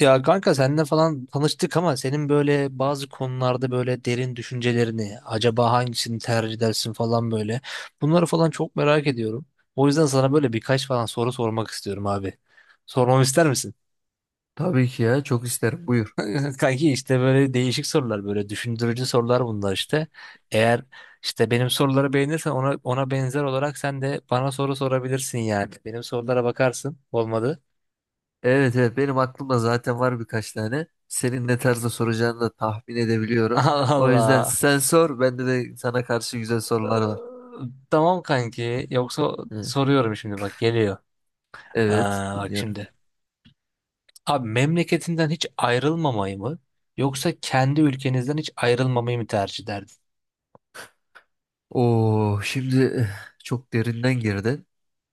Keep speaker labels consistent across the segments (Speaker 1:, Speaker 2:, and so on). Speaker 1: Ya kanka seninle falan tanıştık ama senin böyle bazı konularda böyle derin düşüncelerini, acaba hangisini tercih edersin falan böyle. Bunları falan çok merak ediyorum. O yüzden sana böyle birkaç falan soru sormak istiyorum abi. Sormamı ister misin?
Speaker 2: Tabii ki ya çok isterim buyur.
Speaker 1: Kanki işte böyle değişik sorular böyle düşündürücü sorular bunlar işte. Eğer işte benim soruları beğenirsen ona benzer olarak sen de bana soru sorabilirsin yani. Benim sorulara bakarsın. Olmadı.
Speaker 2: Evet evet benim aklımda zaten var birkaç tane. Senin ne tarzda soracağını da tahmin edebiliyorum.
Speaker 1: Allah
Speaker 2: O yüzden
Speaker 1: Allah.
Speaker 2: sen sor bende de sana karşı güzel sorular var.
Speaker 1: Ee, Tamam kanki. Yoksa
Speaker 2: Hı.
Speaker 1: soruyorum şimdi bak geliyor.
Speaker 2: Evet
Speaker 1: Aa, bak
Speaker 2: dinliyorum.
Speaker 1: şimdi. Abi memleketinden hiç ayrılmamayı mı yoksa kendi ülkenizden hiç ayrılmamayı mı tercih ederdin?
Speaker 2: Oo, şimdi çok derinden girdin.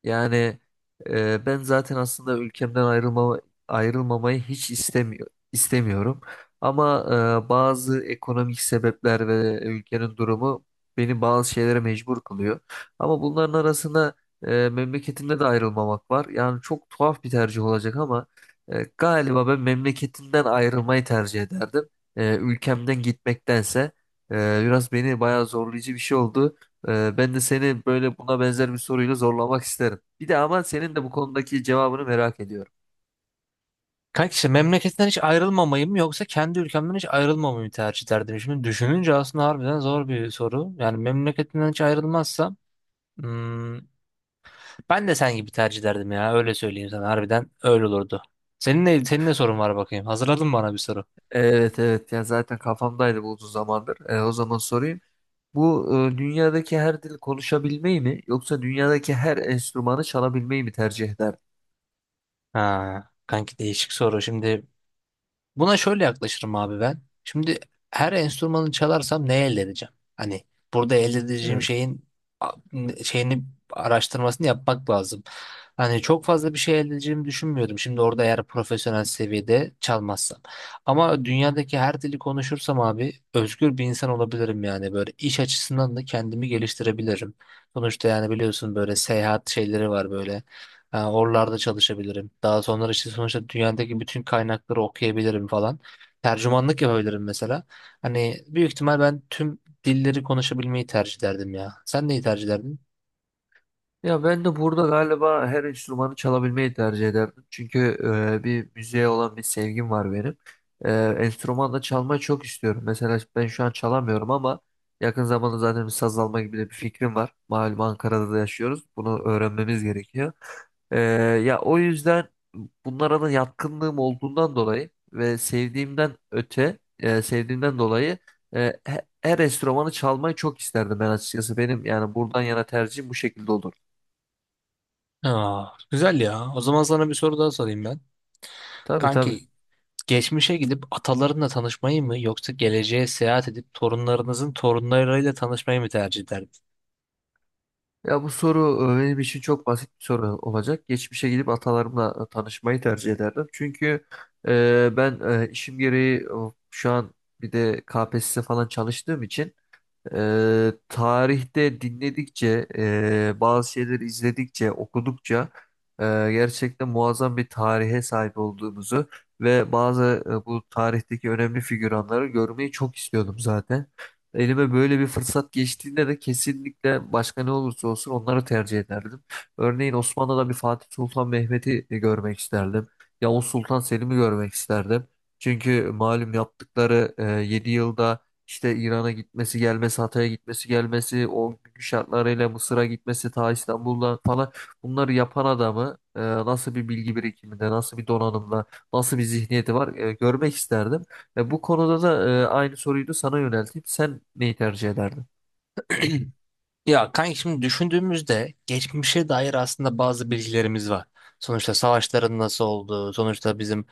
Speaker 2: Yani ben zaten aslında ayrılmamayı hiç istemiyorum. Ama bazı ekonomik sebepler ve ülkenin durumu beni bazı şeylere mecbur kılıyor. Ama bunların arasında memleketimde de ayrılmamak var. Yani çok tuhaf bir tercih olacak ama galiba ben memleketimden ayrılmayı tercih ederdim. E, ülkemden gitmektense. Biraz beni bayağı zorlayıcı bir şey oldu. Ben de seni böyle buna benzer bir soruyla zorlamak isterim. Bir de ama senin de bu konudaki cevabını merak ediyorum.
Speaker 1: Kanki işte memleketinden hiç ayrılmamayı mı yoksa kendi ülkemden hiç ayrılmamayı mı tercih ederdim? Şimdi düşününce aslında harbiden zor bir soru. Yani memleketinden hiç ayrılmazsam hmm, ben de sen gibi tercih ederdim ya, öyle söyleyeyim sana, harbiden öyle olurdu. Senin ne sorun var bakayım? Hazırladın mı bana bir soru?
Speaker 2: Evet evet ya zaten kafamdaydı bu uzun zamandır. O zaman sorayım. Bu dünyadaki her dili konuşabilmeyi mi yoksa dünyadaki her enstrümanı çalabilmeyi mi tercih ederdin?
Speaker 1: Ha, kanki değişik soru. Şimdi buna şöyle yaklaşırım abi ben. Şimdi her enstrümanı çalarsam ne elde edeceğim? Hani burada elde edeceğim şeyin a- şeyini araştırmasını yapmak lazım. Hani çok fazla bir şey elde edeceğimi düşünmüyorum, şimdi orada eğer profesyonel seviyede çalmazsam. Ama dünyadaki her dili konuşursam abi özgür bir insan olabilirim yani. Böyle iş açısından da kendimi geliştirebilirim. Sonuçta yani biliyorsun böyle seyahat şeyleri var böyle. Ha, oralarda çalışabilirim. Daha sonra işte sonuçta dünyadaki bütün kaynakları okuyabilirim falan. Tercümanlık yapabilirim mesela. Hani büyük ihtimal ben tüm dilleri konuşabilmeyi tercih ederdim ya. Sen neyi tercih ederdin?
Speaker 2: Ya ben de burada galiba her enstrümanı çalabilmeyi tercih ederdim. Çünkü bir müziğe olan bir sevgim var benim. E, Enstrüman da çalmayı çok istiyorum. Mesela ben şu an çalamıyorum ama yakın zamanda zaten bir saz alma gibi de bir fikrim var. Malum Ankara'da da yaşıyoruz. Bunu öğrenmemiz gerekiyor. E, Ya o yüzden bunlara da yatkınlığım olduğundan dolayı ve sevdiğimden dolayı her enstrümanı çalmayı çok isterdim ben açıkçası. Benim yani buradan yana tercihim bu şekilde olurdu.
Speaker 1: Aa, güzel ya. O zaman sana bir soru daha sorayım ben.
Speaker 2: Tabii tabii.
Speaker 1: Kanki, geçmişe gidip atalarınla tanışmayı mı yoksa geleceğe seyahat edip torunlarınızın torunlarıyla tanışmayı mı tercih ederdin?
Speaker 2: Ya bu soru benim için çok basit bir soru olacak. Geçmişe gidip atalarımla tanışmayı tercih ederdim. Çünkü ben işim gereği şu an bir de KPSS falan çalıştığım için tarihte dinledikçe, bazı şeyleri okudukça, gerçekten muazzam bir tarihe sahip olduğumuzu ve bu tarihteki önemli figüranları görmeyi çok istiyordum zaten. Elime böyle bir fırsat geçtiğinde de kesinlikle başka ne olursa olsun onları tercih ederdim. Örneğin Osmanlı'da bir Fatih Sultan Mehmet'i görmek isterdim. Yavuz Sultan Selim'i görmek isterdim. Çünkü malum yaptıkları 7 yılda işte gelmesi, gelmesi, o günkü şartlarıyla Mısır'a gitmesi, ta İstanbul'dan falan bunları yapan adamı nasıl bir bilgi birikiminde, nasıl bir donanımda, nasıl bir zihniyeti var görmek isterdim. Ve bu konuda da aynı soruyu da sana yönelteyim. Sen neyi tercih ederdin?
Speaker 1: Ya kanka, şimdi düşündüğümüzde geçmişe dair aslında bazı bilgilerimiz var. Sonuçta savaşların nasıl olduğu, sonuçta bizim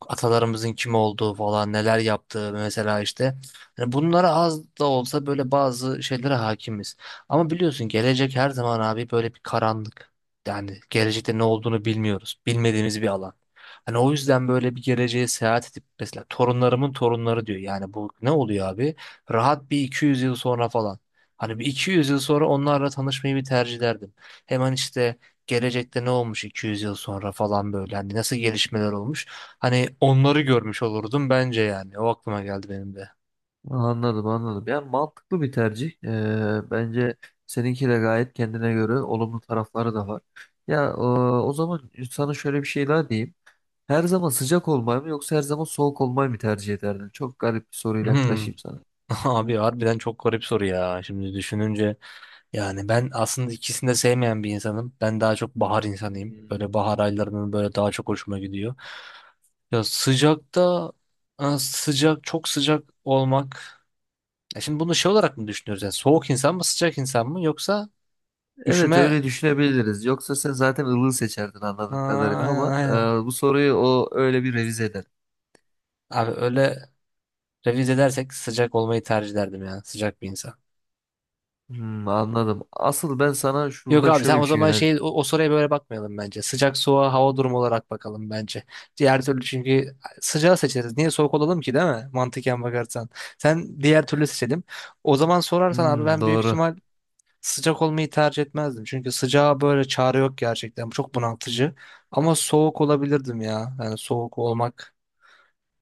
Speaker 1: atalarımızın kim olduğu falan, neler yaptığı mesela işte. Hani bunlara az da olsa, böyle bazı şeylere hakimiz. Ama biliyorsun gelecek her zaman abi böyle bir karanlık. Yani gelecekte ne olduğunu bilmiyoruz. Bilmediğimiz bir alan. Hani o yüzden böyle bir geleceğe seyahat edip, mesela torunlarımın torunları diyor. Yani bu ne oluyor abi? Rahat bir 200 yıl sonra falan. Hani bir 200 yıl sonra onlarla tanışmayı bir tercih ederdim. Hemen işte gelecekte ne olmuş 200 yıl sonra falan böyle. Hani nasıl gelişmeler olmuş. Hani onları görmüş olurdum bence yani. O aklıma geldi benim de.
Speaker 2: Anladım, anladım. Yani mantıklı bir tercih. Bence seninki de gayet kendine göre olumlu tarafları da var. Ya o zaman sana şöyle bir şey daha diyeyim. Her zaman sıcak olmayı mı yoksa her zaman soğuk olmayı mı tercih ederdin? Çok garip bir soruyla
Speaker 1: Hmm.
Speaker 2: yaklaşayım sana.
Speaker 1: Abi harbiden çok garip soru ya. Şimdi düşününce yani ben aslında ikisini de sevmeyen bir insanım. Ben daha çok bahar insanıyım. Böyle bahar aylarının böyle daha çok hoşuma gidiyor. Ya sıcakta sıcak, çok sıcak olmak. Ya şimdi bunu şey olarak mı düşünüyoruz? Yani soğuk insan mı sıcak insan mı yoksa
Speaker 2: Evet
Speaker 1: üşüme.
Speaker 2: öyle düşünebiliriz. Yoksa sen zaten ılığı seçerdin anladığım
Speaker 1: Aa,
Speaker 2: kadarıyla
Speaker 1: aynen
Speaker 2: ama
Speaker 1: aynen.
Speaker 2: bu soruyu o öyle bir revize eder.
Speaker 1: Abi öyle revize edersek sıcak olmayı tercih ederdim ya. Sıcak bir insan.
Speaker 2: Hmm, anladım. Asıl ben sana
Speaker 1: Yok
Speaker 2: şurada
Speaker 1: abi, sen
Speaker 2: şöyle bir
Speaker 1: o
Speaker 2: şey
Speaker 1: zaman
Speaker 2: yöneldim.
Speaker 1: şey o soruya böyle bakmayalım bence. Sıcak soğuğa hava durumu olarak bakalım bence. Diğer türlü çünkü sıcağı seçeriz. Niye soğuk olalım ki, değil mi? Mantıken bakarsan. Sen diğer türlü seçelim. O zaman sorarsan abi,
Speaker 2: Hmm,
Speaker 1: ben büyük
Speaker 2: doğru.
Speaker 1: ihtimal sıcak olmayı tercih etmezdim. Çünkü sıcağa böyle çare yok gerçekten. Bu çok bunaltıcı. Ama soğuk olabilirdim ya. Yani soğuk olmak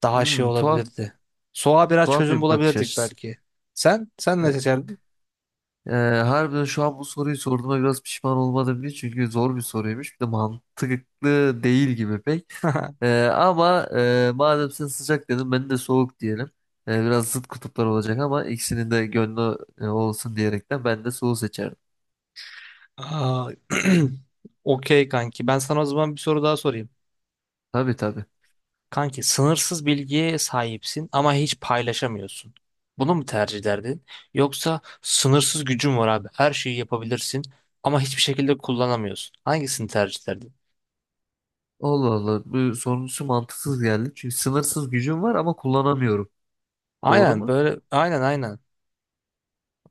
Speaker 1: daha şey
Speaker 2: Hmm, tuhaf,
Speaker 1: olabilirdi. Soğuğa biraz
Speaker 2: tuhaf
Speaker 1: çözüm
Speaker 2: bir bakış
Speaker 1: bulabilirdik
Speaker 2: açısı.
Speaker 1: belki. Sen? Sen
Speaker 2: E,
Speaker 1: ne seçerdin?
Speaker 2: Ee, Harbiden şu an bu soruyu sorduğuma biraz pişman olmadım değil çünkü zor bir soruymuş. Bir de mantıklı değil gibi pek. Ama madem sen sıcak dedin ben de soğuk diyelim. Biraz zıt kutuplar olacak ama ikisinin de gönlü olsun diyerekten ben de soğuğu seçerdim.
Speaker 1: Aa, okey kanki. Ben sana o zaman bir soru daha sorayım.
Speaker 2: Tabii tabii.
Speaker 1: Kanki, sınırsız bilgiye sahipsin ama hiç paylaşamıyorsun. Bunu mu tercih ederdin? Yoksa sınırsız gücün var abi. Her şeyi yapabilirsin ama hiçbir şekilde kullanamıyorsun. Hangisini tercih ederdin?
Speaker 2: Allah Allah bu sonuncusu mantıksız geldi. Çünkü sınırsız gücüm var ama kullanamıyorum. Doğru
Speaker 1: Aynen,
Speaker 2: mu?
Speaker 1: böyle aynen aynen.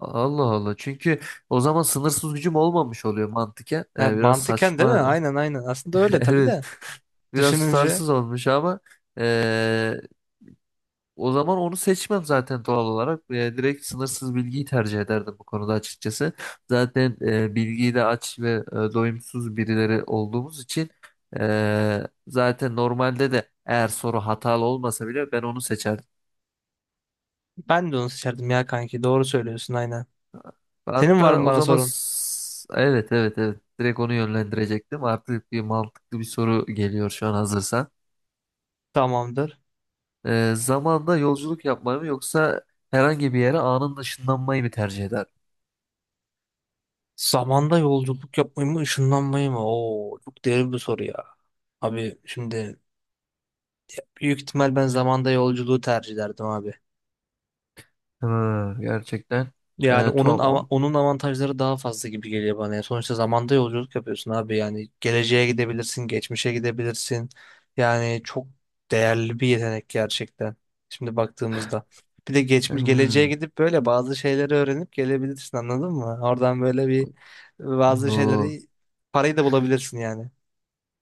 Speaker 2: Allah Allah. Çünkü o zaman sınırsız gücüm olmamış oluyor mantıken.
Speaker 1: Ha,
Speaker 2: Biraz
Speaker 1: mantıken değil mi?
Speaker 2: saçma.
Speaker 1: Aynen aynen. Aslında öyle tabii
Speaker 2: Evet.
Speaker 1: de.
Speaker 2: Biraz
Speaker 1: Düşününce
Speaker 2: tutarsız olmuş ama eee, o zaman onu seçmem zaten doğal olarak. Direkt sınırsız bilgiyi tercih ederdim bu konuda açıkçası. Zaten bilgiyi de aç ve doyumsuz birileri olduğumuz için zaten normalde de eğer soru hatalı olmasa bile ben onu seçerdim.
Speaker 1: ben de onu seçerdim ya kanki. Doğru söylüyorsun, aynen. Senin var
Speaker 2: Hatta
Speaker 1: mı
Speaker 2: o
Speaker 1: bana
Speaker 2: zaman
Speaker 1: sorun?
Speaker 2: evet evet evet direkt onu yönlendirecektim. Artık bir mantıklı bir soru geliyor şu an hazırsan.
Speaker 1: Tamamdır.
Speaker 2: Zamanda yolculuk yapmayı mı yoksa herhangi bir yere anında ışınlanmayı mı tercih eder?
Speaker 1: Zamanda yolculuk yapmayı mı, ışınlanmayı mı? Oo, çok derin bir soru ya. Abi şimdi büyük ihtimal ben zamanda yolculuğu tercih ederdim abi.
Speaker 2: Hı, gerçekten
Speaker 1: Yani onun
Speaker 2: tuhaf
Speaker 1: ava-
Speaker 2: ama.
Speaker 1: onun avantajları daha fazla gibi geliyor bana. Yani sonuçta zamanda yolculuk yapıyorsun abi. Yani geleceğe gidebilirsin, geçmişe gidebilirsin. Yani çok değerli bir yetenek gerçekten. Şimdi baktığımızda. Bir de geçmiş geleceğe
Speaker 2: Hmm.
Speaker 1: gidip böyle bazı şeyleri öğrenip gelebilirsin, anladın mı? Oradan böyle bir bazı
Speaker 2: Oo.
Speaker 1: şeyleri, parayı da bulabilirsin yani.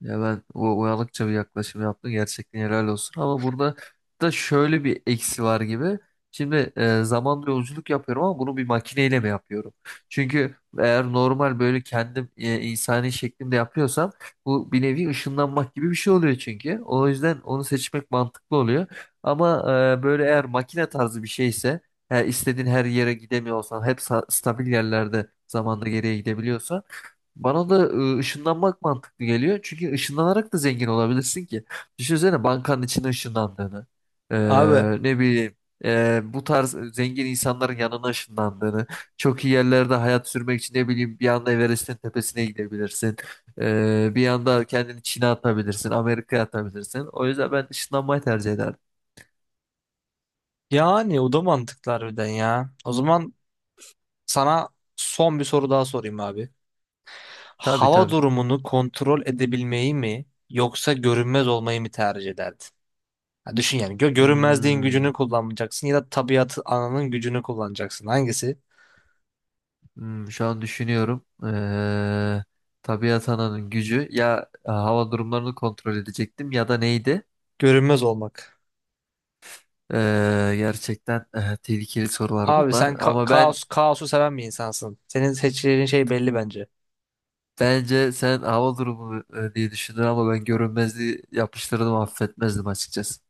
Speaker 2: Ya ben o uyanıkça bir yaklaşım yaptım. Gerçekten helal olsun. Ama burada da şöyle bir eksi var gibi. Şimdi zamanla yolculuk yapıyorum ama bunu bir makineyle mi yapıyorum? Çünkü eğer normal böyle kendim insani şeklimde yapıyorsam bu bir nevi ışınlanmak gibi bir şey oluyor çünkü. O yüzden onu seçmek mantıklı oluyor. Ama böyle eğer makine tarzı bir şeyse istediğin her yere gidemiyorsan hep stabil yerlerde zamanda geriye gidebiliyorsan bana da ışınlanmak mantıklı geliyor. Çünkü ışınlanarak da zengin olabilirsin ki. Düşünsene bankanın içine ışınlandığını.
Speaker 1: Abi
Speaker 2: Ne bileyim. Bu tarz zengin insanların yanına ışınlandığını. Çok iyi yerlerde hayat sürmek için ne bileyim bir anda Everest'in tepesine gidebilirsin. Bir anda kendini Çin'e atabilirsin. Amerika'ya atabilirsin. O yüzden ben ışınlanmayı tercih ederdim.
Speaker 1: yani o da mantıklı harbiden ya. O zaman sana son bir soru daha sorayım abi.
Speaker 2: Tabii
Speaker 1: Hava
Speaker 2: tabii.
Speaker 1: durumunu kontrol edebilmeyi mi yoksa görünmez olmayı mı tercih ederdin? Ha, düşün yani, görünmezliğin
Speaker 2: Hmm.
Speaker 1: gücünü kullanmayacaksın ya da tabiatı ananın gücünü kullanacaksın. Hangisi?
Speaker 2: Hmm, şu an düşünüyorum. Tabiat ananın gücü ya hava durumlarını kontrol edecektim ya da neydi?
Speaker 1: Görünmez olmak.
Speaker 2: Gerçekten tehlikeli sorular
Speaker 1: Abi
Speaker 2: bunlar.
Speaker 1: sen ka-
Speaker 2: Ama ben
Speaker 1: kaos kaosu seven bir insansın. Senin seçeceğin şey belli bence.
Speaker 2: bence sen hava durumu diye düşündün ama ben görünmezliği yapıştırdım affetmezdim açıkçası.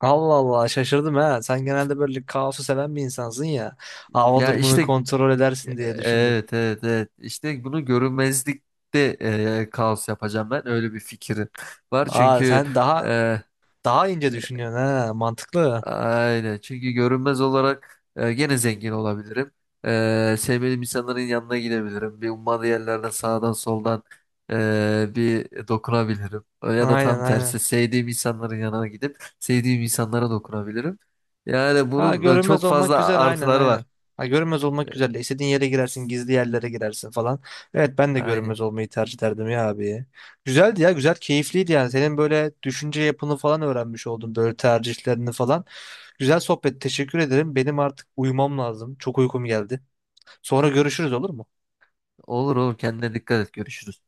Speaker 1: Allah Allah, şaşırdım ha. Sen genelde böyle kaosu seven bir insansın ya. Hava
Speaker 2: Ya
Speaker 1: durumunu
Speaker 2: işte
Speaker 1: kontrol edersin diye düşündüm.
Speaker 2: evet evet evet işte bunu görünmezlikte kaos yapacağım ben öyle bir fikrim var
Speaker 1: Aa,
Speaker 2: çünkü
Speaker 1: sen daha
Speaker 2: e,
Speaker 1: daha ince düşünüyorsun ha. Mantıklı.
Speaker 2: aynen. Çünkü görünmez olarak gene zengin olabilirim. Sevmediğim insanların yanına gidebilirim. Bir ummadığı yerlerden sağdan soldan bir dokunabilirim. Ya da
Speaker 1: Aynen
Speaker 2: tam tersi
Speaker 1: aynen.
Speaker 2: sevdiğim insanların yanına gidip sevdiğim insanlara dokunabilirim. Yani
Speaker 1: Ha,
Speaker 2: bunun
Speaker 1: görünmez
Speaker 2: çok
Speaker 1: olmak
Speaker 2: fazla
Speaker 1: güzel, aynen
Speaker 2: artıları
Speaker 1: aynen.
Speaker 2: var.
Speaker 1: Ha, görünmez olmak
Speaker 2: E,
Speaker 1: güzel. İstediğin yere girersin, gizli yerlere girersin falan. Evet, ben de
Speaker 2: Aynen.
Speaker 1: görünmez olmayı tercih ederdim ya abi. Güzeldi ya, güzel, keyifliydi yani. Senin böyle düşünce yapını falan öğrenmiş oldum, böyle tercihlerini falan. Güzel sohbet, teşekkür ederim. Benim artık uyumam lazım. Çok uykum geldi. Sonra görüşürüz, olur mu?
Speaker 2: Olur olur kendine dikkat et. Görüşürüz.